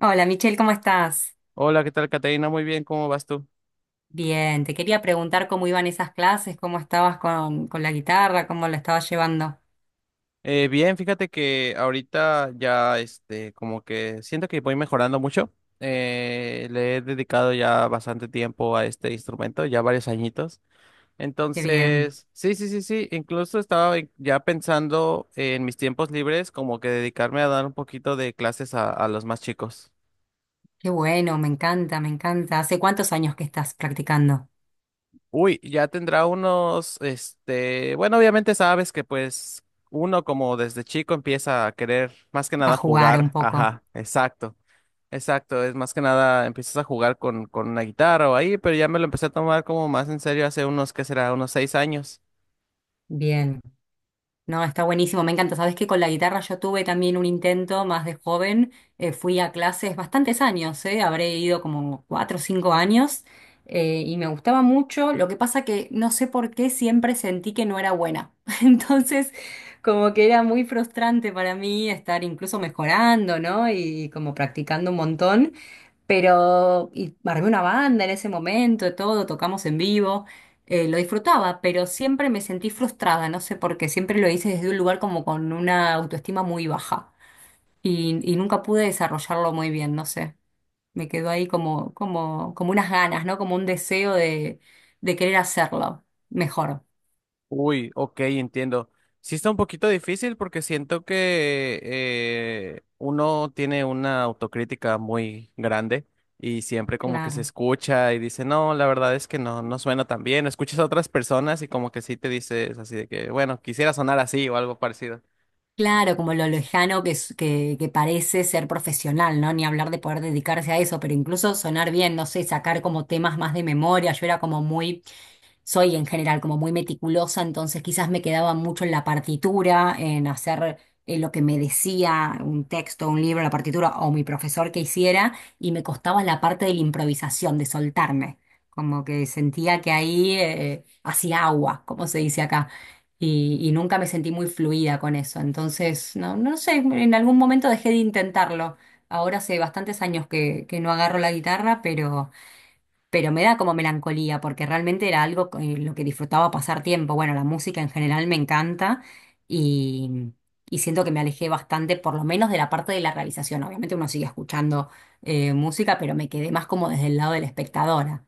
Hola Michelle, ¿cómo estás? Hola, ¿qué tal, Caterina? Muy bien, ¿cómo vas tú? Bien, te quería preguntar cómo iban esas clases, cómo estabas con la guitarra, cómo la estabas llevando. Bien, fíjate que ahorita ya, este, como que siento que voy mejorando mucho. Le he dedicado ya bastante tiempo a este instrumento, ya varios añitos. Qué bien, Entonces, sí, sí, sí, sí, incluso ya pensando en mis tiempos libres como que dedicarme a dar un poquito de clases a los más chicos. qué bueno, me encanta. ¿Hace cuántos años que estás practicando Uy, ya tendrá unos, este, bueno, obviamente sabes que pues uno como desde chico empieza a querer más que a nada jugar un jugar, poco? ajá, exacto, exacto, es más que nada empiezas a jugar con una guitarra o ahí, pero ya me lo empecé a tomar como más en serio hace unos, ¿qué será? Unos 6 años. Bien. No, está buenísimo, me encanta. Sabes que con la guitarra yo tuve también un intento más de joven. Fui a clases bastantes años, habré ido como cuatro o cinco años y me gustaba mucho. Lo que pasa que no sé por qué siempre sentí que no era buena. Entonces, como que era muy frustrante para mí estar incluso mejorando, ¿no? Y como practicando un montón. Pero, y armé una banda en ese momento, todo, tocamos en vivo, lo disfrutaba, pero siempre me sentí frustrada, no sé por qué, siempre lo hice desde un lugar como con una autoestima muy baja y nunca pude desarrollarlo muy bien, no sé, me quedó ahí como unas ganas, ¿no? Como un deseo de querer hacerlo mejor, Uy, ok, entiendo. Sí está un poquito difícil porque siento que uno tiene una autocrítica muy grande y siempre como que se claro. escucha y dice, no, la verdad es que no, no suena tan bien. Escuchas a otras personas y como que sí te dices así de que, bueno, quisiera sonar así o algo parecido. Claro, como lo lejano que parece ser profesional, ¿no? Ni hablar de poder dedicarse a eso, pero incluso sonar bien, no sé, sacar como temas más de memoria. Yo era como muy, soy en general como muy meticulosa, entonces quizás me quedaba mucho en la partitura, en hacer lo que me decía un texto, un libro, la partitura o mi profesor que hiciera, y me costaba la parte de la improvisación, de soltarme. Como que sentía que ahí hacía agua, como se dice acá y nunca me sentí muy fluida con eso. Entonces, no sé, en algún momento dejé de intentarlo. Ahora hace bastantes años que no agarro la guitarra, pero me da como melancolía, porque realmente era algo en lo que disfrutaba pasar tiempo. Bueno, la música en general me encanta y, y siento que me alejé bastante, por lo menos de la parte de la realización. Obviamente uno sigue escuchando música, pero me quedé más como desde el lado de la espectadora.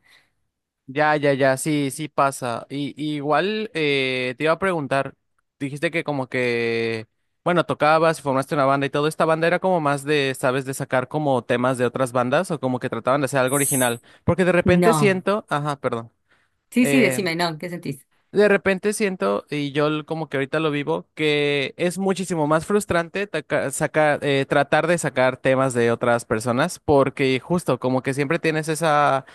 Ya, ya, ya, sí, sí pasa. Y igual te iba a preguntar, dijiste que como que, bueno, tocabas y formaste una banda y todo, ¿esta banda era como más de, sabes, de sacar como temas de otras bandas o como que trataban de hacer algo original? Porque de repente No. siento, ajá, perdón. Sí, sí, eh, decime, no, ¿qué sentís? de repente siento, y como que ahorita lo vivo, que es muchísimo más frustrante tratar de sacar temas de otras personas, porque justo como que siempre tienes esa,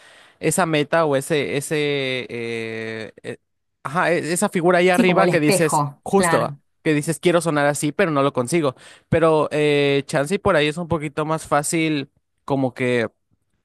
esa meta o eh, eh, ajá, esa figura ahí Sí, como arriba el que dices, espejo, justo, claro. que dices quiero sonar así, pero no lo consigo. Pero chance y por ahí es un poquito más fácil como que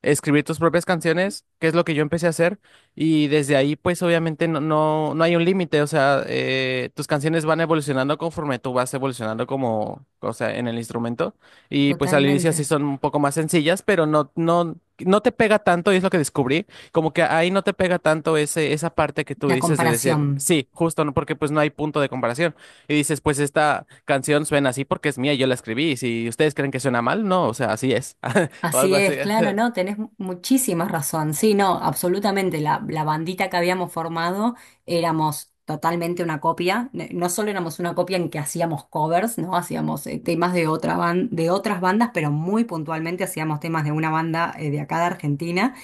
escribir tus propias canciones, que es lo que yo empecé a hacer. Y desde ahí, pues obviamente no, no, no hay un límite, o sea, tus canciones van evolucionando conforme tú vas evolucionando como, o sea, en el instrumento. Y pues al inicio sí Totalmente, son un poco más sencillas, pero no, no, no te pega tanto, y es lo que descubrí, como que ahí no te pega tanto ese, esa parte que tú la dices de decir, comparación. sí, justo, ¿no? Porque pues no hay punto de comparación. Y dices, pues esta canción suena así porque es mía, yo la escribí, y si ustedes creen que suena mal, no, o sea, así es, o algo Así así. es, claro, no, tenés muchísima razón. Sí, no, absolutamente. La bandita que habíamos formado éramos totalmente una copia. No solo éramos una copia en que hacíamos covers, ¿no? Hacíamos temas de de otras bandas, pero muy puntualmente hacíamos temas de una banda de acá de Argentina,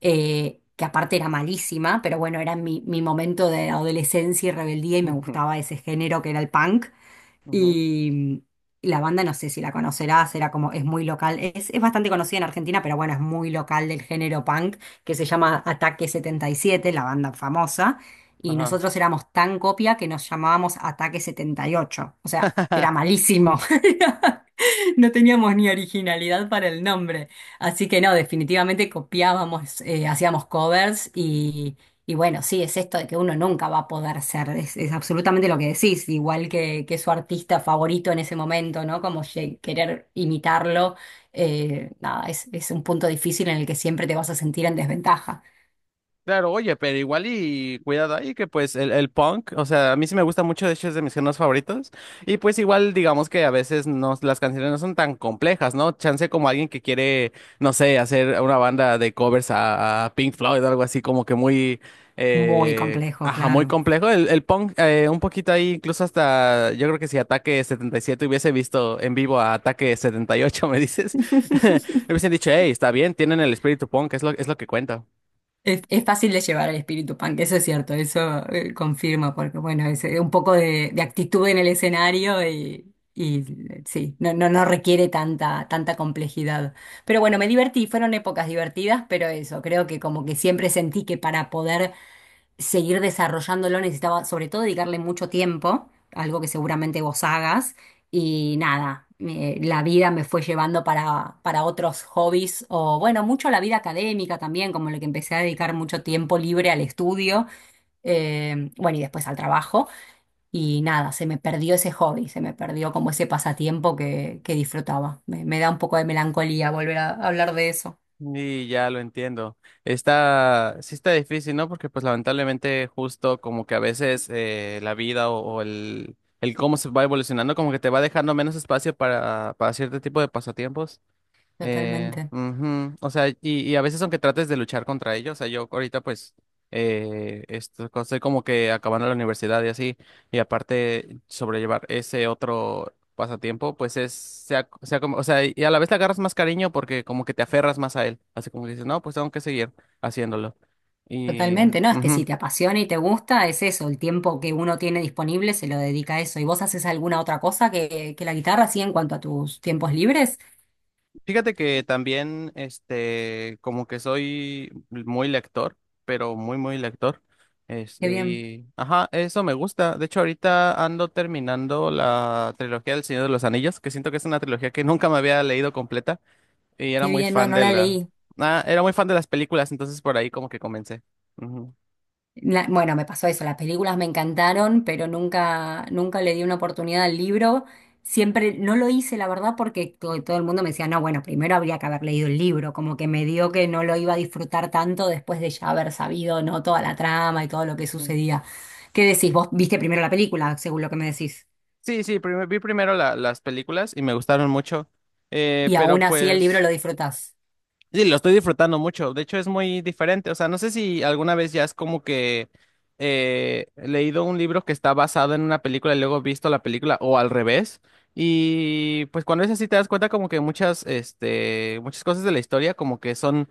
que aparte era malísima, pero bueno, era mi momento de adolescencia y rebeldía y me Ujú, gustaba ese género que era el punk. ujú. Y la banda no sé si la conocerás, era como, es muy local, es bastante conocida en Argentina, pero bueno, es muy local del género punk, que se llama Ataque 77, la banda famosa, y Ajá. nosotros éramos tan copia que nos llamábamos Ataque 78, o sea, era malísimo. No teníamos ni originalidad para el nombre. Así que no, definitivamente copiábamos, hacíamos covers y bueno, sí, es esto de que uno nunca va a poder ser, es absolutamente lo que decís, igual que su artista favorito en ese momento, ¿no? Como querer imitarlo, nada, es un punto difícil en el que siempre te vas a sentir en desventaja. Claro, oye, pero igual y cuidado ahí, que pues el punk, o sea, a mí sí me gusta mucho, de hecho es de mis géneros favoritos, y pues igual digamos que a veces no, las canciones no son tan complejas, ¿no? Chance como alguien que quiere, no sé, hacer una banda de covers a Pink Floyd o algo así como que muy, Muy complejo, ajá, muy claro. complejo, el punk un poquito ahí, incluso hasta, yo creo que si Ataque 77 hubiese visto en vivo a Ataque 78, me dices, me hubiesen dicho, hey, está bien, tienen el espíritu punk, es lo que cuenta. Es fácil de llevar el espíritu punk, eso es cierto, eso confirmo, porque bueno, es un poco de actitud en el escenario y, y sí, no requiere tanta, tanta complejidad. Pero bueno, me divertí, fueron épocas divertidas, pero eso, creo que como que siempre sentí que para poder seguir desarrollándolo necesitaba sobre todo dedicarle mucho tiempo, algo que seguramente vos hagas, y nada, la vida me fue llevando para otros hobbies, o bueno, mucho la vida académica también, como lo que empecé a dedicar mucho tiempo libre al estudio, bueno, y después al trabajo, y nada, se me perdió ese hobby, se me perdió como ese pasatiempo que disfrutaba. Me da un poco de melancolía volver a hablar de eso, Y ya lo entiendo. Está, sí está difícil, ¿no? Porque pues lamentablemente justo como que a veces la vida o el cómo se va evolucionando como que te va dejando menos espacio para cierto tipo de pasatiempos. Totalmente. Ujú. O sea, y a veces aunque trates de luchar contra ellos, o sea, yo ahorita pues estoy como que acabando la universidad y así, y aparte sobrellevar ese otro pasatiempo, pues es, sea, sea como, o sea, y a la vez te agarras más cariño porque como que te aferras más a él, así como que dices, no, pues tengo que seguir haciéndolo. Y, Totalmente, no, es que si ujú. te apasiona y te gusta, es eso, el tiempo que uno tiene disponible se lo dedica a eso. ¿Y vos haces alguna otra cosa que la guitarra, así en cuanto a tus tiempos libres? Fíjate que también, este, como que soy muy lector, pero muy, muy lector. Qué Este, bien, ajá, eso me gusta. De hecho, ahorita ando terminando la trilogía del Señor de los Anillos, que siento que es una trilogía que nunca me había leído completa y era qué muy bien, no, fan no de la la... leí. Ah, era muy fan de las películas, entonces por ahí como que comencé. Ujú, Bueno, me pasó eso, las películas me encantaron, pero nunca, nunca le di una oportunidad al libro. Siempre no lo hice, la verdad, porque todo el mundo me decía, no, bueno, primero habría que haber leído el libro, como que me dio que no lo iba a disfrutar tanto después de ya haber sabido, ¿no? Toda la trama y todo lo que ujú. sucedía. ¿Qué decís? Vos viste primero la película, según lo que me decís, Sí, sí, vi primero las películas y me gustaron mucho, y aún pero así el libro pues... lo disfrutás. Sí, lo estoy disfrutando mucho. De hecho, es muy diferente. O sea, no sé si alguna vez ya es como que he leído un libro que está basado en una película y luego he visto la película o al revés. Y pues cuando es así te das cuenta como que muchas, este, muchas cosas de la historia como que son,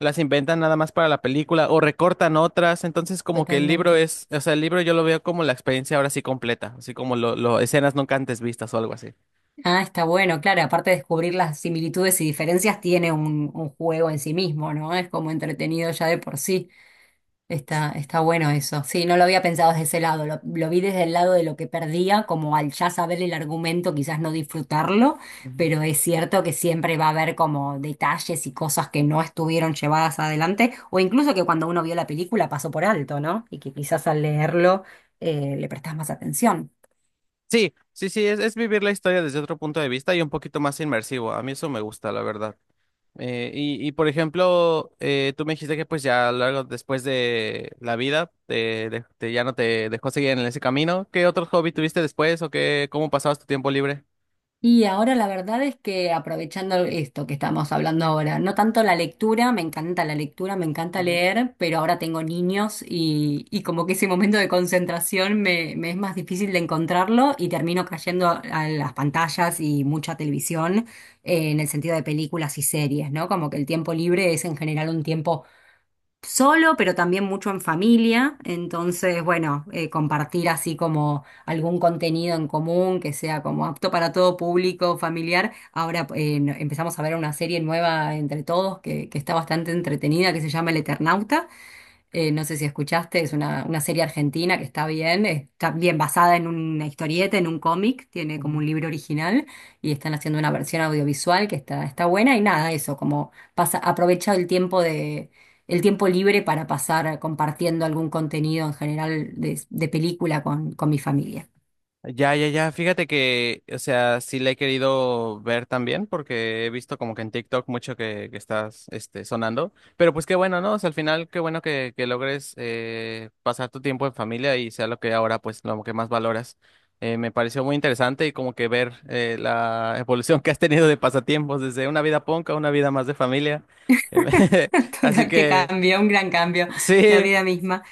las inventan nada más para la película o recortan otras. Entonces como que el libro Totalmente. es, o sea, el libro yo lo veo como la experiencia ahora sí completa, así como lo escenas nunca antes vistas o algo así. Ah, está bueno, claro, aparte de descubrir las similitudes y diferencias, tiene un juego en sí mismo, ¿no? Es como entretenido ya de por sí. Está, está bueno eso. Sí, no lo había pensado desde ese lado. Lo vi desde el lado de lo que perdía, como al ya saber el argumento, quizás no disfrutarlo, pero es cierto que siempre va a haber como detalles y cosas que no estuvieron llevadas adelante, o incluso que cuando uno vio la película pasó por alto, ¿no? Y que quizás al leerlo le prestás más atención. Sí, sí, sí, es vivir la historia desde otro punto de vista y un poquito más inmersivo. A mí eso me gusta, la verdad. Y, y por ejemplo, tú me dijiste que pues ya luego después de la vida te, ya no te dejó seguir en ese camino. ¿Qué otro hobby tuviste después o qué, cómo pasabas tu tiempo libre? Y ahora la verdad es que aprovechando esto que estamos hablando ahora, no tanto la lectura, me encanta la lectura, me encanta Ujú, leer, pero ahora tengo niños y como que ese momento de concentración me es más difícil de encontrarlo y termino cayendo a las pantallas y mucha televisión en el sentido de películas y series, ¿no? Como que el tiempo libre es en general un tiempo solo, pero también mucho en familia. Entonces, bueno, compartir así como algún contenido en común que sea como apto para todo público, familiar. Ahora empezamos a ver una serie nueva entre todos que está bastante entretenida, que se llama El Eternauta. No sé si escuchaste, es una serie argentina que está bien basada en una historieta, en un cómic, tiene como ujú. un libro original y están haciendo una versión audiovisual que está, está buena y nada, eso, como pasa, aprovecha el tiempo de, el tiempo libre para pasar compartiendo algún contenido en general de película con mi familia. Ya, ya, ya. Fíjate que, o sea, sí la he querido ver también porque he visto como que en TikTok mucho que estás, este, sonando. Pero pues qué bueno, ¿no? O sea, al final qué bueno que logres pasar tu tiempo en familia y sea lo que ahora, pues, lo que más valoras. Me pareció muy interesante y como que ver la evolución que has tenido de pasatiempos desde una vida punk a una vida más de familia. Así Total, qué que, cambio, un gran cambio, la sí. vida misma.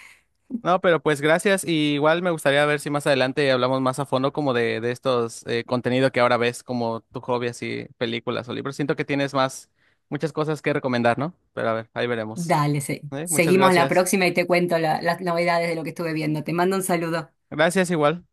No, pero pues gracias. Y igual me gustaría ver si más adelante hablamos más a fondo como de estos contenido que ahora ves, como tu hobby, así, películas o libros. Siento que tienes más, muchas cosas que recomendar, ¿no? Pero a ver, ahí veremos. Dale, ¿Eh? Muchas seguimos la gracias. próxima y te cuento las novedades de lo que estuve viendo. Te mando un saludo. Gracias igual.